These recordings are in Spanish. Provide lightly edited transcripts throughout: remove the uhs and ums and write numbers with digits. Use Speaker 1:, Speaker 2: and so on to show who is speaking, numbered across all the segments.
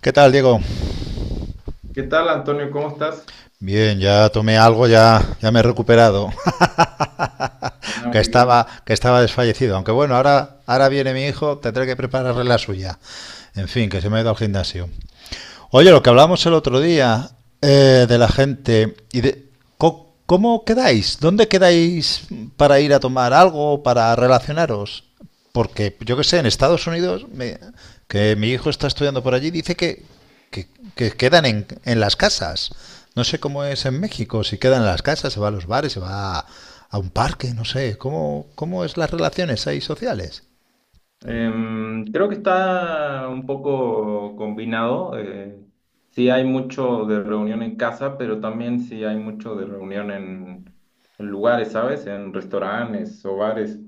Speaker 1: ¿Qué tal, Diego?
Speaker 2: ¿Qué tal, Antonio? ¿Cómo estás?
Speaker 1: Bien, ya tomé algo, ya me he recuperado,
Speaker 2: Hola,
Speaker 1: que
Speaker 2: muy
Speaker 1: estaba,
Speaker 2: bien.
Speaker 1: que estaba desfallecido. Aunque bueno, ahora viene mi hijo, tendré que prepararle la suya. En fin, que se me ha ido al gimnasio. Oye, lo que hablamos el otro día de la gente y de cómo quedáis, dónde quedáis para ir a tomar algo, para relacionaros, porque yo que sé, en Estados Unidos, que mi hijo está estudiando por allí, dice que, que quedan en las casas. No sé cómo es en México, si quedan en las casas, se va a los bares, se va a un parque, no sé. Cómo es las relaciones ahí sociales?
Speaker 2: Creo que está un poco combinado. Sí hay mucho de reunión en casa, pero también sí hay mucho de reunión en lugares, ¿sabes? En restaurantes o bares.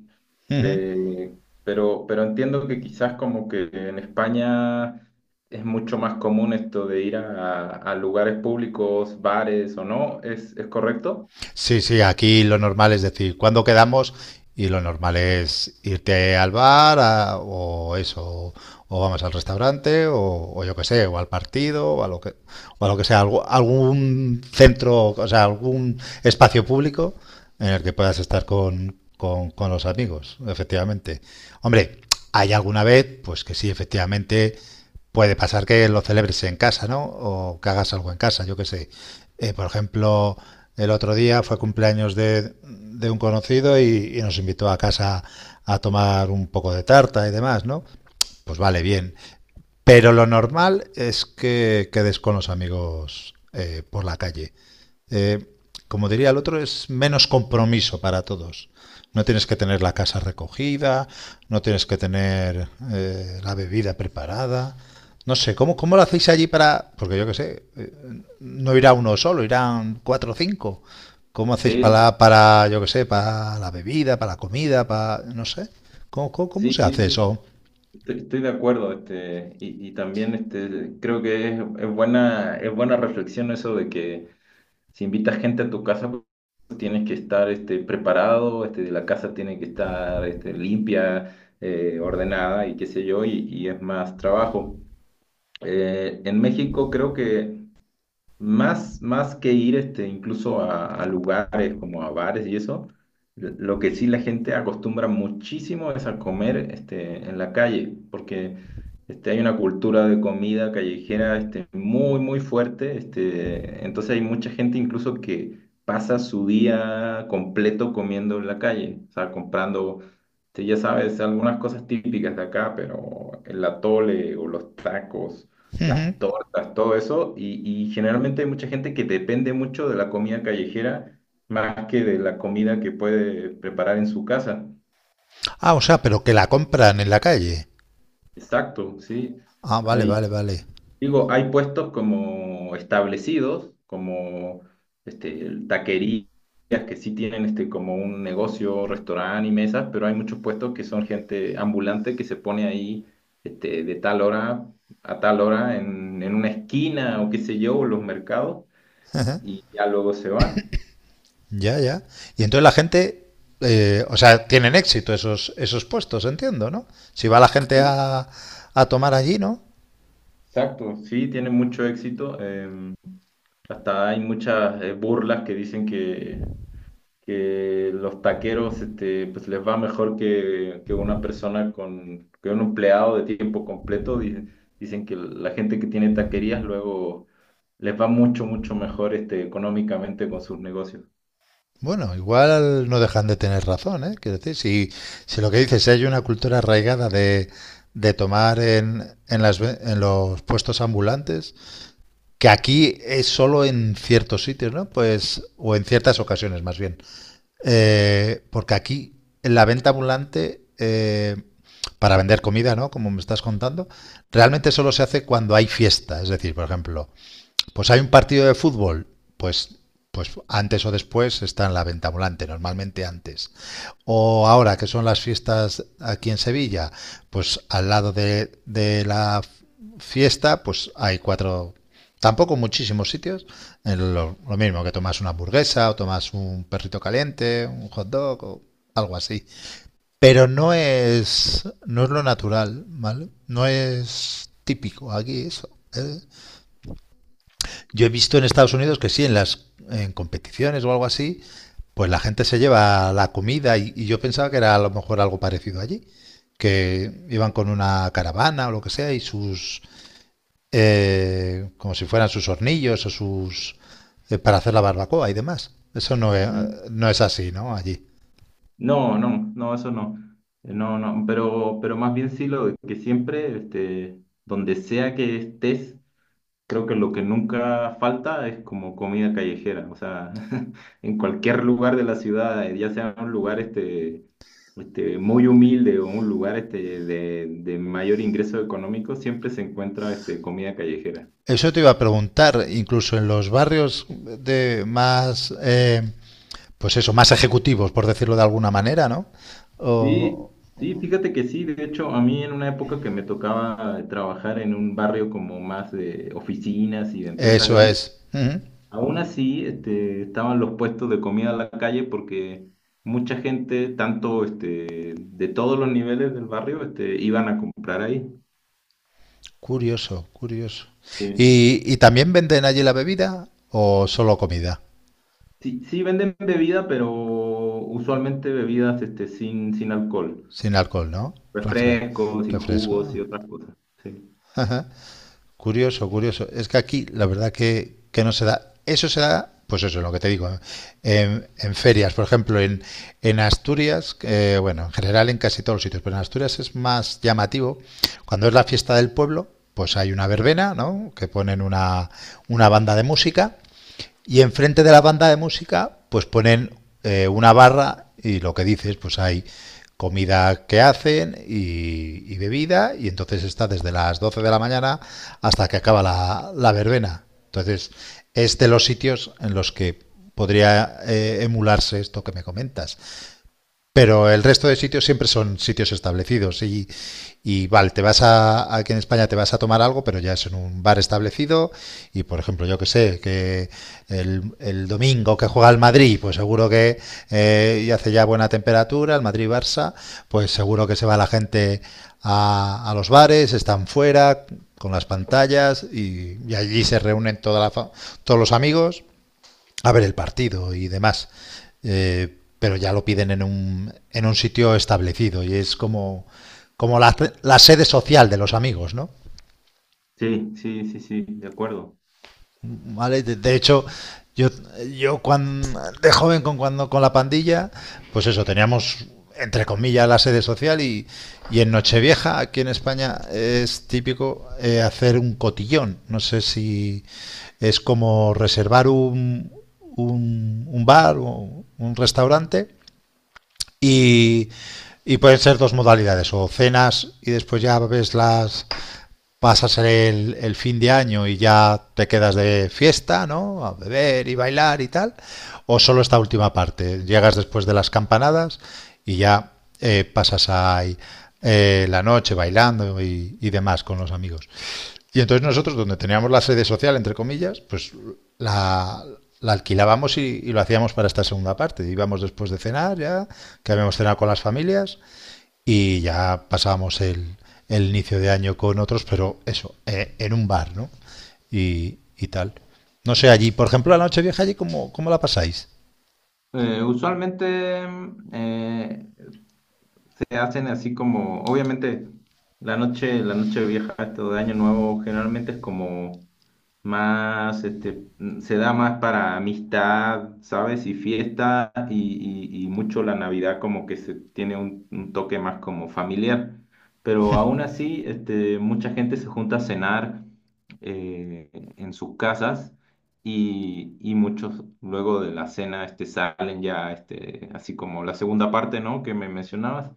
Speaker 1: Ujú.
Speaker 2: Pero entiendo que quizás como que en España es mucho más común esto de ir a lugares públicos, bares o no. ¿Es correcto?
Speaker 1: Sí, sí, aquí lo normal es decir, ¿cuándo quedamos? Y lo normal es irte al bar o eso, o, vamos al restaurante, o yo qué sé, o al partido, o lo que sea, algún centro, o sea, algún espacio público en el que puedas estar con los amigos, efectivamente. Hombre, hay alguna vez, pues que sí, efectivamente, puede pasar que lo celebres en casa, ¿no? O que hagas algo en casa, yo qué sé. Por ejemplo, el otro día fue cumpleaños de un conocido y nos invitó a casa a tomar un poco de tarta y demás, ¿no? Pues vale, bien. Pero lo normal es que quedes con los amigos por la calle. Eh, Como diría el otro, es menos compromiso para todos. No tienes que tener la casa recogida, no tienes que tener la bebida preparada. No sé, ¿cómo lo hacéis allí para...? Porque yo qué sé, no irá uno solo, irán cuatro o cinco. ¿Cómo hacéis
Speaker 2: Sí,
Speaker 1: para yo qué sé, para la bebida, para la comida, para... no sé? Cómo
Speaker 2: sí,
Speaker 1: se
Speaker 2: sí,
Speaker 1: hace
Speaker 2: sí.
Speaker 1: eso?
Speaker 2: Estoy de acuerdo, y también creo que es buena reflexión eso de que si invitas gente a tu casa, pues, tienes que estar preparado, la casa tiene que estar limpia, ordenada y qué sé yo, y es más trabajo. En México creo que más que ir incluso a lugares como a bares y eso, lo que sí la gente acostumbra muchísimo es a comer en la calle, porque hay una cultura de comida callejera muy, muy fuerte. Entonces hay mucha gente incluso que pasa su día completo comiendo en la calle, o sea, comprando, ya sabes, algunas cosas típicas de acá, pero el atole o los tacos
Speaker 1: Ujú.
Speaker 2: las tortas, todo eso, y generalmente hay mucha gente que depende mucho de la comida callejera más que de la comida que puede preparar en su casa.
Speaker 1: Ah, o sea, pero que la compran en la calle.
Speaker 2: Exacto, sí.
Speaker 1: Ah, vale, vale,
Speaker 2: Hay,
Speaker 1: vale.
Speaker 2: digo, hay puestos como establecidos, como taquerías que sí tienen como un negocio, restaurante y mesas, pero hay muchos puestos que son gente ambulante que se pone ahí de tal hora a tal hora en una esquina o qué sé yo, o los mercados y ya luego se van.
Speaker 1: Ya, ya. Y entonces la gente, o sea, tienen éxito esos puestos, entiendo, ¿no? Si va la gente
Speaker 2: Sí,
Speaker 1: a tomar allí, ¿no?
Speaker 2: exacto, sí, tiene mucho éxito. Hasta hay muchas burlas que dicen que los taqueros pues les va mejor que una persona con que un empleado de tiempo completo. Dicen que la gente que tiene taquerías luego les va mucho, mucho mejor económicamente con sus negocios.
Speaker 1: Bueno, igual no dejan de tener razón, ¿eh? Quiero decir, si, si lo que dices, si hay una cultura arraigada de tomar en los puestos ambulantes, que aquí es solo en ciertos sitios, ¿no? Pues, o en ciertas ocasiones más bien. Porque aquí, en la venta ambulante, para vender comida, ¿no? Como me estás contando, realmente solo se hace cuando hay fiesta. Es decir, por ejemplo, pues hay un partido de fútbol, pues, pues antes o después está en la venta ambulante, normalmente antes. O ahora que son las fiestas aquí en Sevilla, pues al lado de la fiesta, pues hay cuatro, tampoco muchísimos sitios, en lo mismo que tomas una hamburguesa o tomas un perrito caliente, un hot dog o algo así. Pero no es lo natural, ¿vale? No es típico aquí eso. ¿Eh? Yo he visto en Estados Unidos que sí, en las en competiciones o algo así, pues la gente se lleva la comida y yo pensaba que era a lo mejor algo parecido allí, que iban con una caravana o lo que sea y sus, como si fueran sus hornillos o sus, para hacer la barbacoa y demás. Eso no es,
Speaker 2: Mm.
Speaker 1: No es así, ¿no? Allí.
Speaker 2: No, no, no, eso no. No, no, pero más bien sí lo de que siempre, donde sea que estés, creo que lo que nunca falta es como comida callejera. O sea, en cualquier lugar de la ciudad, ya sea un lugar muy humilde o un lugar de mayor ingreso económico, siempre se encuentra comida callejera.
Speaker 1: Eso te iba a preguntar, incluso en los barrios de más, pues eso, más ejecutivos, por decirlo de alguna manera, ¿no?
Speaker 2: Sí,
Speaker 1: O,
Speaker 2: sí, fíjate que sí, de hecho, a mí en una época que me tocaba trabajar en un barrio como más de oficinas y de empresas
Speaker 1: eso
Speaker 2: grandes,
Speaker 1: es. Ujú.
Speaker 2: aún así estaban los puestos de comida en la calle porque mucha gente, tanto de todos los niveles del barrio, iban a comprar ahí.
Speaker 1: Curioso, curioso.
Speaker 2: Sí.
Speaker 1: Y también venden allí la bebida o solo comida?
Speaker 2: Sí, sí venden bebida, pero usualmente bebidas sin alcohol,
Speaker 1: Sin alcohol, ¿no? Refre-
Speaker 2: refrescos y
Speaker 1: Refresco.
Speaker 2: jugos y otras cosas. Sí,
Speaker 1: Ajá. Curioso, curioso. Es que aquí la verdad que no se da. Eso se da, pues eso es lo que te digo, en ferias, por ejemplo, en Asturias, bueno, en general en casi todos los sitios, pero en Asturias es más llamativo. Cuando es la fiesta del pueblo, pues hay una verbena, ¿no? Que ponen una banda de música. Y enfrente de la banda de música, pues ponen una barra y lo que dices, pues hay comida que hacen y bebida y entonces está desde las 12 de la mañana hasta que acaba la, la verbena. Entonces es de los sitios en los que podría emularse esto que me comentas. Pero el resto de sitios siempre son sitios establecidos y vale, te vas a, aquí en España te vas a tomar algo, pero ya es en un bar establecido y por ejemplo, yo que sé, que el domingo que juega el Madrid, pues seguro que y hace ya buena temperatura, el Madrid-Barça, pues seguro que se va la gente a los bares, están fuera con las pantallas y allí se reúnen toda todos los amigos a ver el partido y demás. Pero ya lo piden en un sitio establecido y es como, como la sede social de los amigos, ¿no?
Speaker 2: sí, sí, sí, sí, de acuerdo.
Speaker 1: ¿Vale? De hecho, yo, yo cuando, de joven con, cuando, con la pandilla, pues eso, teníamos entre comillas la sede social y en Nochevieja, aquí en España, es típico hacer un cotillón. No sé si es como reservar un bar o un restaurante. Y, y pueden ser dos modalidades, o cenas y después ya ves las, pasas el fin de año y ya te quedas de fiesta, ¿no? A beber y bailar y tal. O solo esta última parte. Llegas después de las campanadas y ya pasas ahí la noche bailando y demás con los amigos. Y entonces nosotros, donde teníamos la sede social, entre comillas, pues la, la alquilábamos y, lo hacíamos para esta segunda parte. Íbamos después de cenar ya, que habíamos cenado con las familias, y ya pasamos el inicio de año con otros, pero eso, en un bar, ¿no? Y tal. No sé, allí, por ejemplo, la nochevieja allí, cómo la pasáis?
Speaker 2: Usualmente se hacen así como, obviamente, la noche vieja, esto de Año Nuevo, generalmente es como más, se da más para amistad, ¿sabes? Y fiesta y mucho la Navidad como que se tiene un toque más como familiar. Pero aún así, mucha gente se junta a cenar eh, en sus casas y muchos luego de la cena salen ya, así como la segunda parte, ¿no? Que me mencionabas,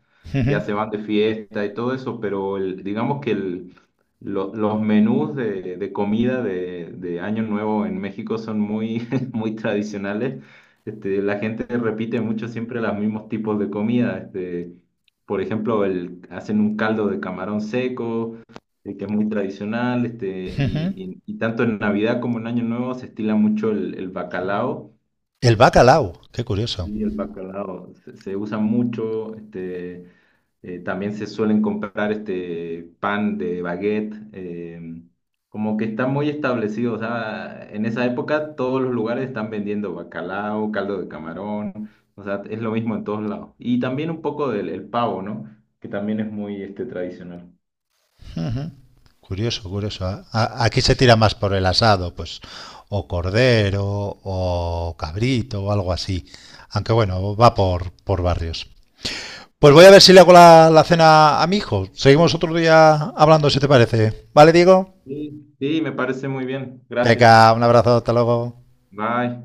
Speaker 2: ya se van de fiesta y todo eso, pero digamos que los menús de comida de Año Nuevo en México son muy, muy tradicionales. Este, la gente repite mucho siempre los mismos tipos de comida. Por ejemplo, hacen un caldo de camarón seco, que es muy tradicional. Y, y- y tanto en Navidad como en Año Nuevo se estila mucho el bacalao.
Speaker 1: El bacalao, qué curioso.
Speaker 2: Y el bacalao se usa mucho. También se suelen comprar este pan de baguette, como que está muy establecido. O sea, en esa época todos los lugares están vendiendo bacalao, caldo de camarón, o sea, es lo mismo en todos lados. Y también un poco del el pavo, ¿no? Que también es muy tradicional.
Speaker 1: Curioso, curioso. Aquí se tira más por el asado, pues, o cordero, o cabrito, o algo así. Aunque bueno, va por barrios. Pues voy a ver si le hago la, la cena a mi hijo. Seguimos otro día hablando, si te parece. ¿Vale, Diego?
Speaker 2: Sí, sí, me parece muy bien. Gracias.
Speaker 1: Venga, un abrazo, hasta luego.
Speaker 2: Bye.